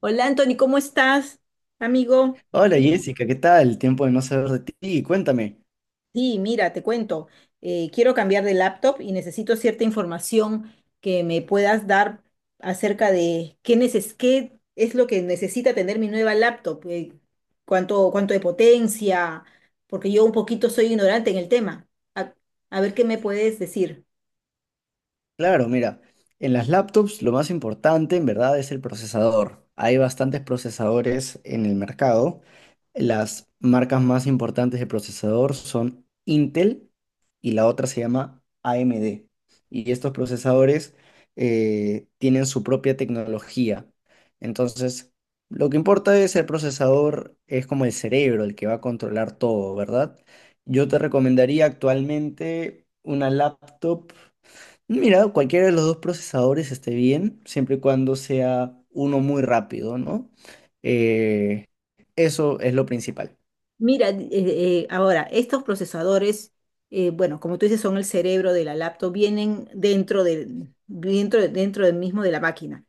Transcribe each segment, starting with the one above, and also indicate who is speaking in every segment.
Speaker 1: Hola Anthony, ¿cómo estás, amigo?
Speaker 2: Hola Jessica, ¿qué tal? Tiempo de no saber de ti. Cuéntame.
Speaker 1: Sí, mira, te cuento. Quiero cambiar de laptop y necesito cierta información que me puedas dar acerca de qué, qué es lo que necesita tener mi nueva laptop, cuánto de potencia, porque yo un poquito soy ignorante en el tema. A, a ver qué me puedes decir.
Speaker 2: Claro, mira, en las laptops lo más importante en verdad es el procesador. Hay bastantes procesadores en el mercado. Las marcas más importantes de procesador son Intel y la otra se llama AMD. Y estos procesadores tienen su propia tecnología. Entonces, lo que importa es el procesador, es como el cerebro, el que va a controlar todo, ¿verdad? Yo te recomendaría actualmente una laptop. Mira, cualquiera de los dos procesadores esté bien, siempre y cuando sea uno muy rápido, ¿no? Eh, Eso es lo principal.
Speaker 1: Mira, ahora, estos procesadores, bueno, como tú dices, son el cerebro de la laptop, vienen dentro dentro del mismo de la máquina.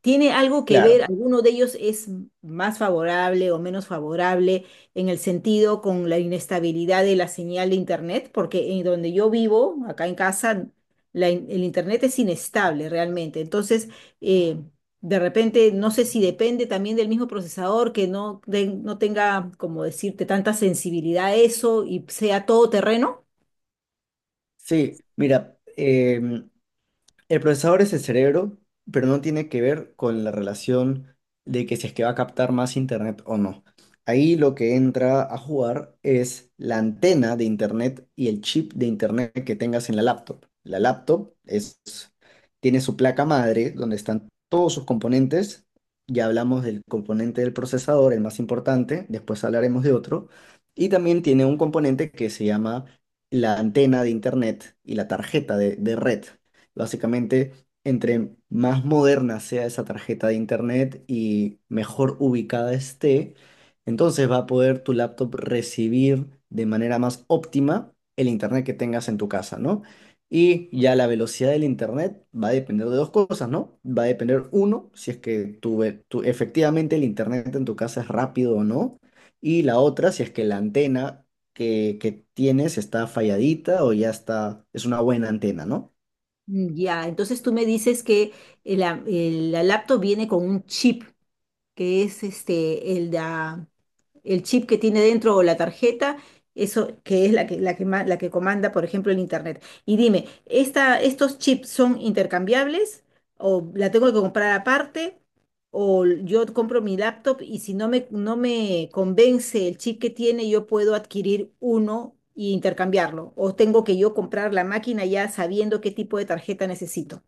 Speaker 1: ¿Tiene algo que
Speaker 2: Claro.
Speaker 1: ver, alguno de ellos es más favorable o menos favorable en el sentido con la inestabilidad de la señal de Internet? Porque en donde yo vivo, acá en casa, el Internet es inestable realmente. Entonces, eh, de repente, no sé si depende también del mismo procesador que no, no tenga, como decirte, tanta sensibilidad a eso y sea todo terreno.
Speaker 2: Sí, mira, el procesador es el cerebro, pero no tiene que ver con la relación de que si es que va a captar más internet o no. Ahí lo que entra a jugar es la antena de internet y el chip de internet que tengas en la laptop. La laptop es, tiene su placa madre donde están todos sus componentes. Ya hablamos del componente del procesador, el más importante, después hablaremos de otro. Y también tiene un componente que se llama la antena de internet y la tarjeta de red. Básicamente, entre más moderna sea esa tarjeta de internet y mejor ubicada esté, entonces va a poder tu laptop recibir de manera más óptima el internet que tengas en tu casa, ¿no? Y ya la velocidad del internet va a depender de dos cosas, ¿no? Va a depender, uno, si es que efectivamente el internet en tu casa es rápido o no. Y la otra, si es que la antena que tienes está falladita o ya está, es una buena antena, ¿no?
Speaker 1: Ya, entonces tú me dices que la laptop viene con un chip. Que es este, el chip que tiene dentro o la tarjeta, eso que es la que comanda, por ejemplo, el Internet. Y dime, ¿estos chips son intercambiables o la tengo que comprar aparte? O yo compro mi laptop y si no me convence el chip que tiene, yo puedo adquirir uno y intercambiarlo. O tengo que yo comprar la máquina ya sabiendo qué tipo de tarjeta necesito.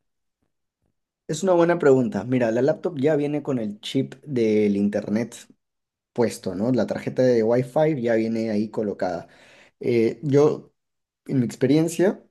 Speaker 2: Es una buena pregunta. Mira, la laptop ya viene con el chip del internet puesto, ¿no? La tarjeta de Wi-Fi ya viene ahí colocada. Yo, en mi experiencia,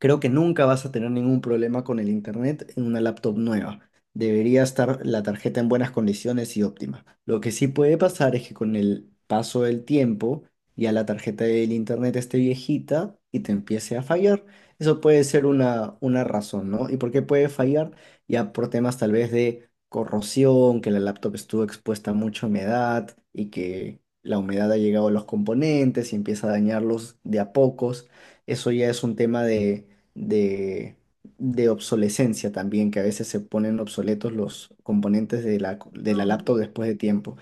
Speaker 2: creo que nunca vas a tener ningún problema con el internet en una laptop nueva. Debería estar la tarjeta en buenas condiciones y óptima. Lo que sí puede pasar es que con el paso del tiempo ya la tarjeta del internet esté viejita y te empiece a fallar. Eso puede ser una razón, ¿no? ¿Y por qué puede fallar? Ya por temas tal vez de corrosión, que la laptop estuvo expuesta a mucha humedad y que la humedad ha llegado a los componentes y empieza a dañarlos de a pocos. Eso ya es un tema de de, de obsolescencia también, que a veces se ponen obsoletos los componentes de la, co- de
Speaker 1: Ah,
Speaker 2: la laptop después de tiempo.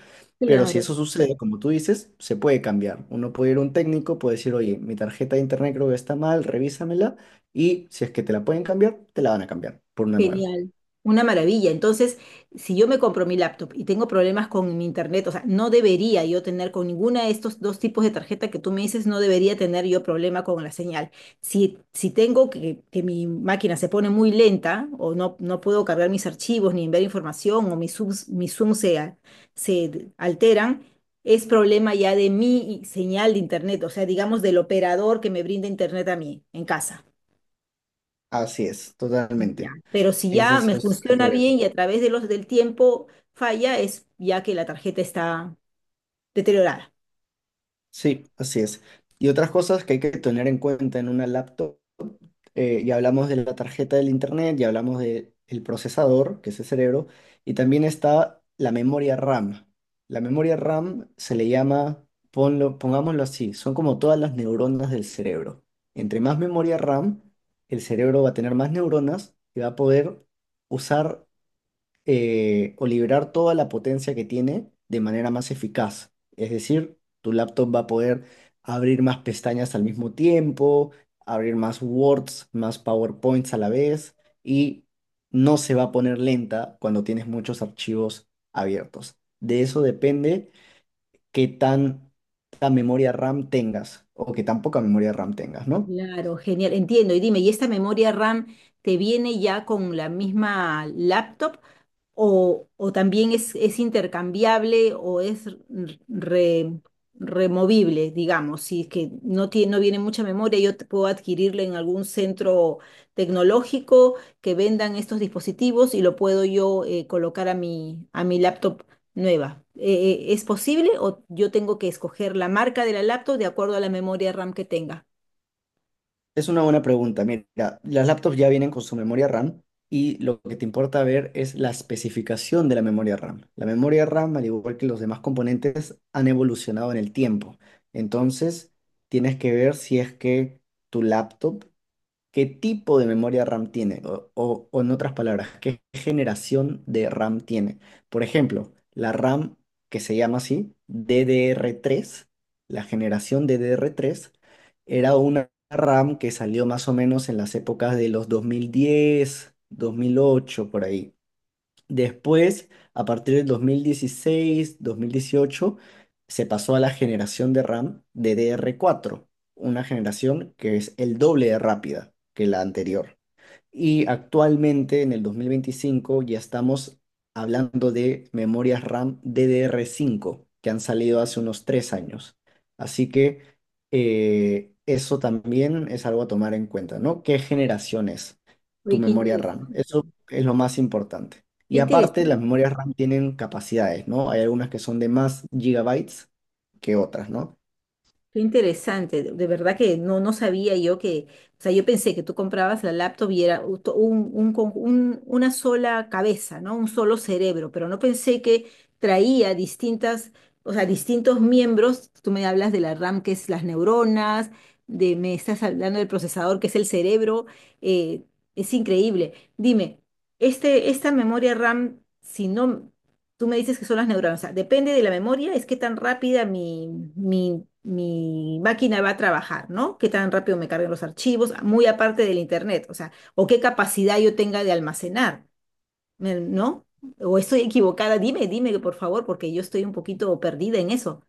Speaker 2: Pero si
Speaker 1: claro.
Speaker 2: eso sucede, como tú dices, se puede cambiar. Uno puede ir a un técnico, puede decir, oye, mi tarjeta de internet creo que está mal, revísamela. Y si es que te la pueden cambiar, te la van a cambiar por una nueva.
Speaker 1: Genial, una maravilla. Entonces, si yo me compro mi laptop y tengo problemas con mi internet, o sea, no debería yo tener con ninguna de estos dos tipos de tarjeta que tú me dices, no debería tener yo problema con la señal. Si tengo que mi máquina se pone muy lenta o no, no puedo cargar mis archivos ni enviar información o mis Zoom se alteran, es problema ya de mi señal de internet, o sea, digamos del operador que me brinda internet a mí en casa.
Speaker 2: Así es,
Speaker 1: Ya,
Speaker 2: totalmente.
Speaker 1: pero si
Speaker 2: Ese
Speaker 1: ya
Speaker 2: es
Speaker 1: me
Speaker 2: el
Speaker 1: funciona
Speaker 2: problema.
Speaker 1: bien y a través de los del tiempo falla, es ya que la tarjeta está deteriorada.
Speaker 2: Sí, así es. Y otras cosas que hay que tener en cuenta en una laptop, ya hablamos de la tarjeta del internet, ya hablamos del procesador, que es el cerebro, y también está la memoria RAM. La memoria RAM se le llama, pongámoslo así, son como todas las neuronas del cerebro. Entre más memoria RAM, el cerebro va a tener más neuronas y va a poder usar o liberar toda la potencia que tiene de manera más eficaz. Es decir, tu laptop va a poder abrir más pestañas al mismo tiempo, abrir más Words, más PowerPoints a la vez y no se va a poner lenta cuando tienes muchos archivos abiertos. De eso depende qué tan memoria RAM tengas o qué tan poca memoria RAM tengas, ¿no?
Speaker 1: Claro, genial, entiendo. Y dime, ¿y esta memoria RAM te viene ya con la misma laptop o también es intercambiable o es re- removible, digamos, si es que no tiene, no viene mucha memoria, yo puedo adquirirla en algún centro tecnológico que vendan estos dispositivos y lo puedo yo colocar a a mi laptop nueva. ¿Es posible o yo tengo que escoger la marca de la laptop de acuerdo a la memoria RAM que tenga?
Speaker 2: Es una buena pregunta. Mira, las laptops ya vienen con su memoria RAM y lo que te importa ver es la especificación de la memoria RAM. La memoria RAM, al igual que los demás componentes, han evolucionado en el tiempo. Entonces, tienes que ver si es que tu laptop, ¿qué tipo de memoria RAM tiene? O, o en otras palabras, ¿qué generación de RAM tiene? Por ejemplo, la RAM que se llama así, DDR3, la generación DDR3, era una RAM que salió más o menos en las épocas de los 2010, 2008, por ahí. Después, a partir del 2016, 2018, se pasó a la generación de RAM de DDR4, una generación que es el doble de rápida que la anterior. Y actualmente en el 2025 ya estamos hablando de memorias RAM DDR5 que han salido hace unos 3 años. Así que eso también es algo a tomar en cuenta, ¿no? ¿Qué generación es tu
Speaker 1: Oye, qué
Speaker 2: memoria RAM?
Speaker 1: interesante,
Speaker 2: Eso es lo más importante.
Speaker 1: qué
Speaker 2: Y aparte, las
Speaker 1: interesante.
Speaker 2: memorias RAM tienen capacidades, ¿no? Hay algunas que son de más gigabytes que otras, ¿no?
Speaker 1: Qué interesante, de verdad que no, no sabía yo que, o sea, yo pensé que tú comprabas la laptop y era una sola cabeza, ¿no? Un solo cerebro, pero no pensé que traía distintas, o sea, distintos miembros. Tú me hablas de la RAM, que es las neuronas, me estás hablando del procesador, que es el cerebro. eh, es increíble. Dime, esta memoria RAM, si no. Tú me dices que son las neuronas. O sea, depende de la memoria, es qué tan rápida mi máquina va a trabajar, ¿no? Qué tan rápido me carguen los archivos, muy aparte del internet, o sea, o qué capacidad yo tenga de almacenar, ¿no? O estoy equivocada, dime, dime, por favor, porque yo estoy un poquito perdida en eso.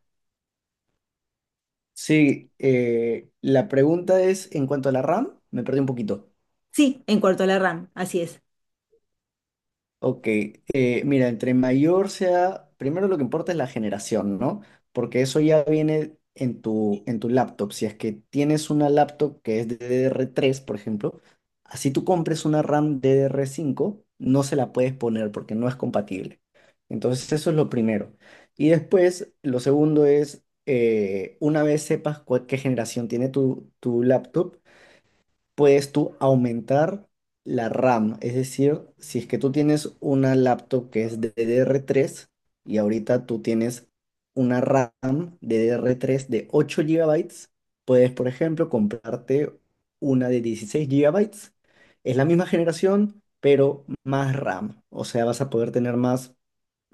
Speaker 2: Sí, la pregunta es en cuanto a la RAM, me perdí un poquito.
Speaker 1: Sí, en cuanto a la RAM, así es.
Speaker 2: Ok, mira, entre mayor sea, primero lo que importa es la generación, ¿no? Porque eso ya viene en tu laptop. Si es que tienes una laptop que es DDR3, por ejemplo, así tú compres una RAM DDR5, no se la puedes poner porque no es compatible. Entonces, eso es lo primero. Y después, lo segundo es, una vez sepas qué generación tiene tu, tu laptop, puedes tú aumentar la RAM. Es decir, si es que tú tienes una laptop que es DDR3 y ahorita tú tienes una RAM DDR3 de 8 GB, puedes, por ejemplo, comprarte una de 16 GB. Es la misma generación, pero más RAM. O sea, vas a poder tener más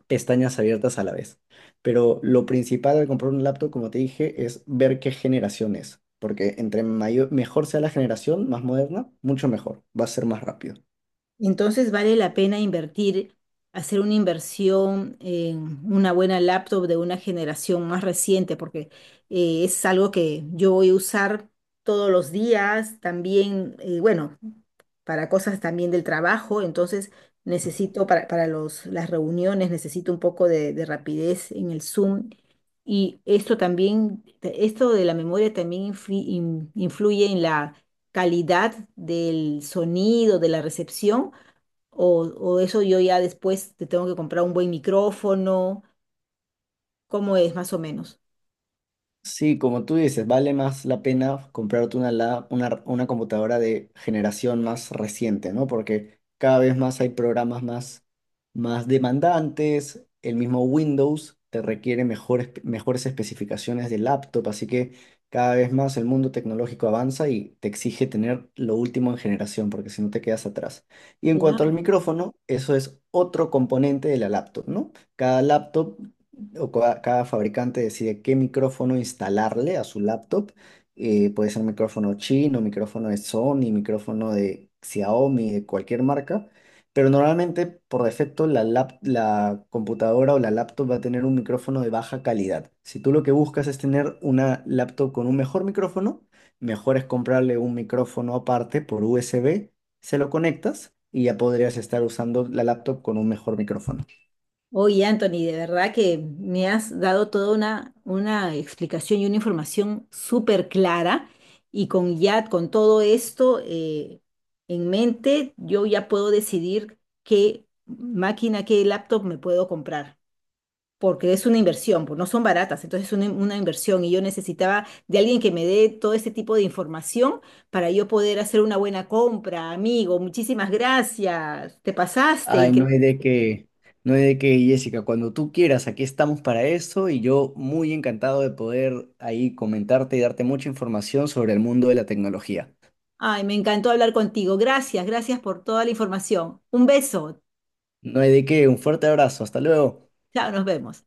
Speaker 2: pestañas abiertas a la vez. Pero lo principal al comprar un laptop, como te dije, es ver qué generación es. Porque entre mayor, mejor sea la generación, más moderna, mucho mejor. Va a ser más rápido.
Speaker 1: Entonces vale la pena invertir, hacer una inversión en una buena laptop de una generación más reciente, porque es algo que yo voy a usar todos los días, también, bueno, para cosas también del trabajo, entonces necesito para los, las reuniones, necesito un poco de rapidez en el Zoom. Y esto también, esto de la memoria también influye en la calidad del sonido, de la recepción o eso yo ya después te tengo que comprar un buen micrófono. ¿Cómo es más o menos?
Speaker 2: Sí, como tú dices, vale más la pena comprarte una computadora de generación más reciente, ¿no? Porque cada vez más hay programas más demandantes, el mismo Windows te requiere mejores especificaciones de laptop, así que cada vez más el mundo tecnológico avanza y te exige tener lo último en generación, porque si no te quedas atrás. Y en cuanto al
Speaker 1: Claro.
Speaker 2: micrófono, eso es otro componente de la laptop, ¿no? Cada laptop o cada fabricante decide qué micrófono instalarle a su laptop. Puede ser micrófono chino, micrófono de Sony, micrófono de Xiaomi, de cualquier marca. Pero normalmente, por defecto, la computadora o la laptop va a tener un micrófono de baja calidad. Si tú lo que buscas es tener una laptop con un mejor micrófono, mejor es comprarle un micrófono aparte por USB, se lo conectas y ya podrías estar usando la laptop con un mejor micrófono.
Speaker 1: Oye, Anthony, de verdad que me has dado toda una explicación y una información súper clara y con ya con todo esto en mente, yo ya puedo decidir qué máquina, qué laptop me puedo comprar. Porque es una inversión, pues no son baratas, entonces es una inversión y yo necesitaba de alguien que me dé todo ese tipo de información para yo poder hacer una buena compra, amigo, muchísimas gracias, te pasaste,
Speaker 2: Ay, no
Speaker 1: increíble.
Speaker 2: hay de qué, no hay de qué, Jessica. Cuando tú quieras, aquí estamos para eso y yo muy encantado de poder ahí comentarte y darte mucha información sobre el mundo de la tecnología.
Speaker 1: Ay, me encantó hablar contigo, gracias, gracias por toda la información. Un beso,
Speaker 2: No hay de qué, un fuerte abrazo, hasta luego.
Speaker 1: chao, nos vemos.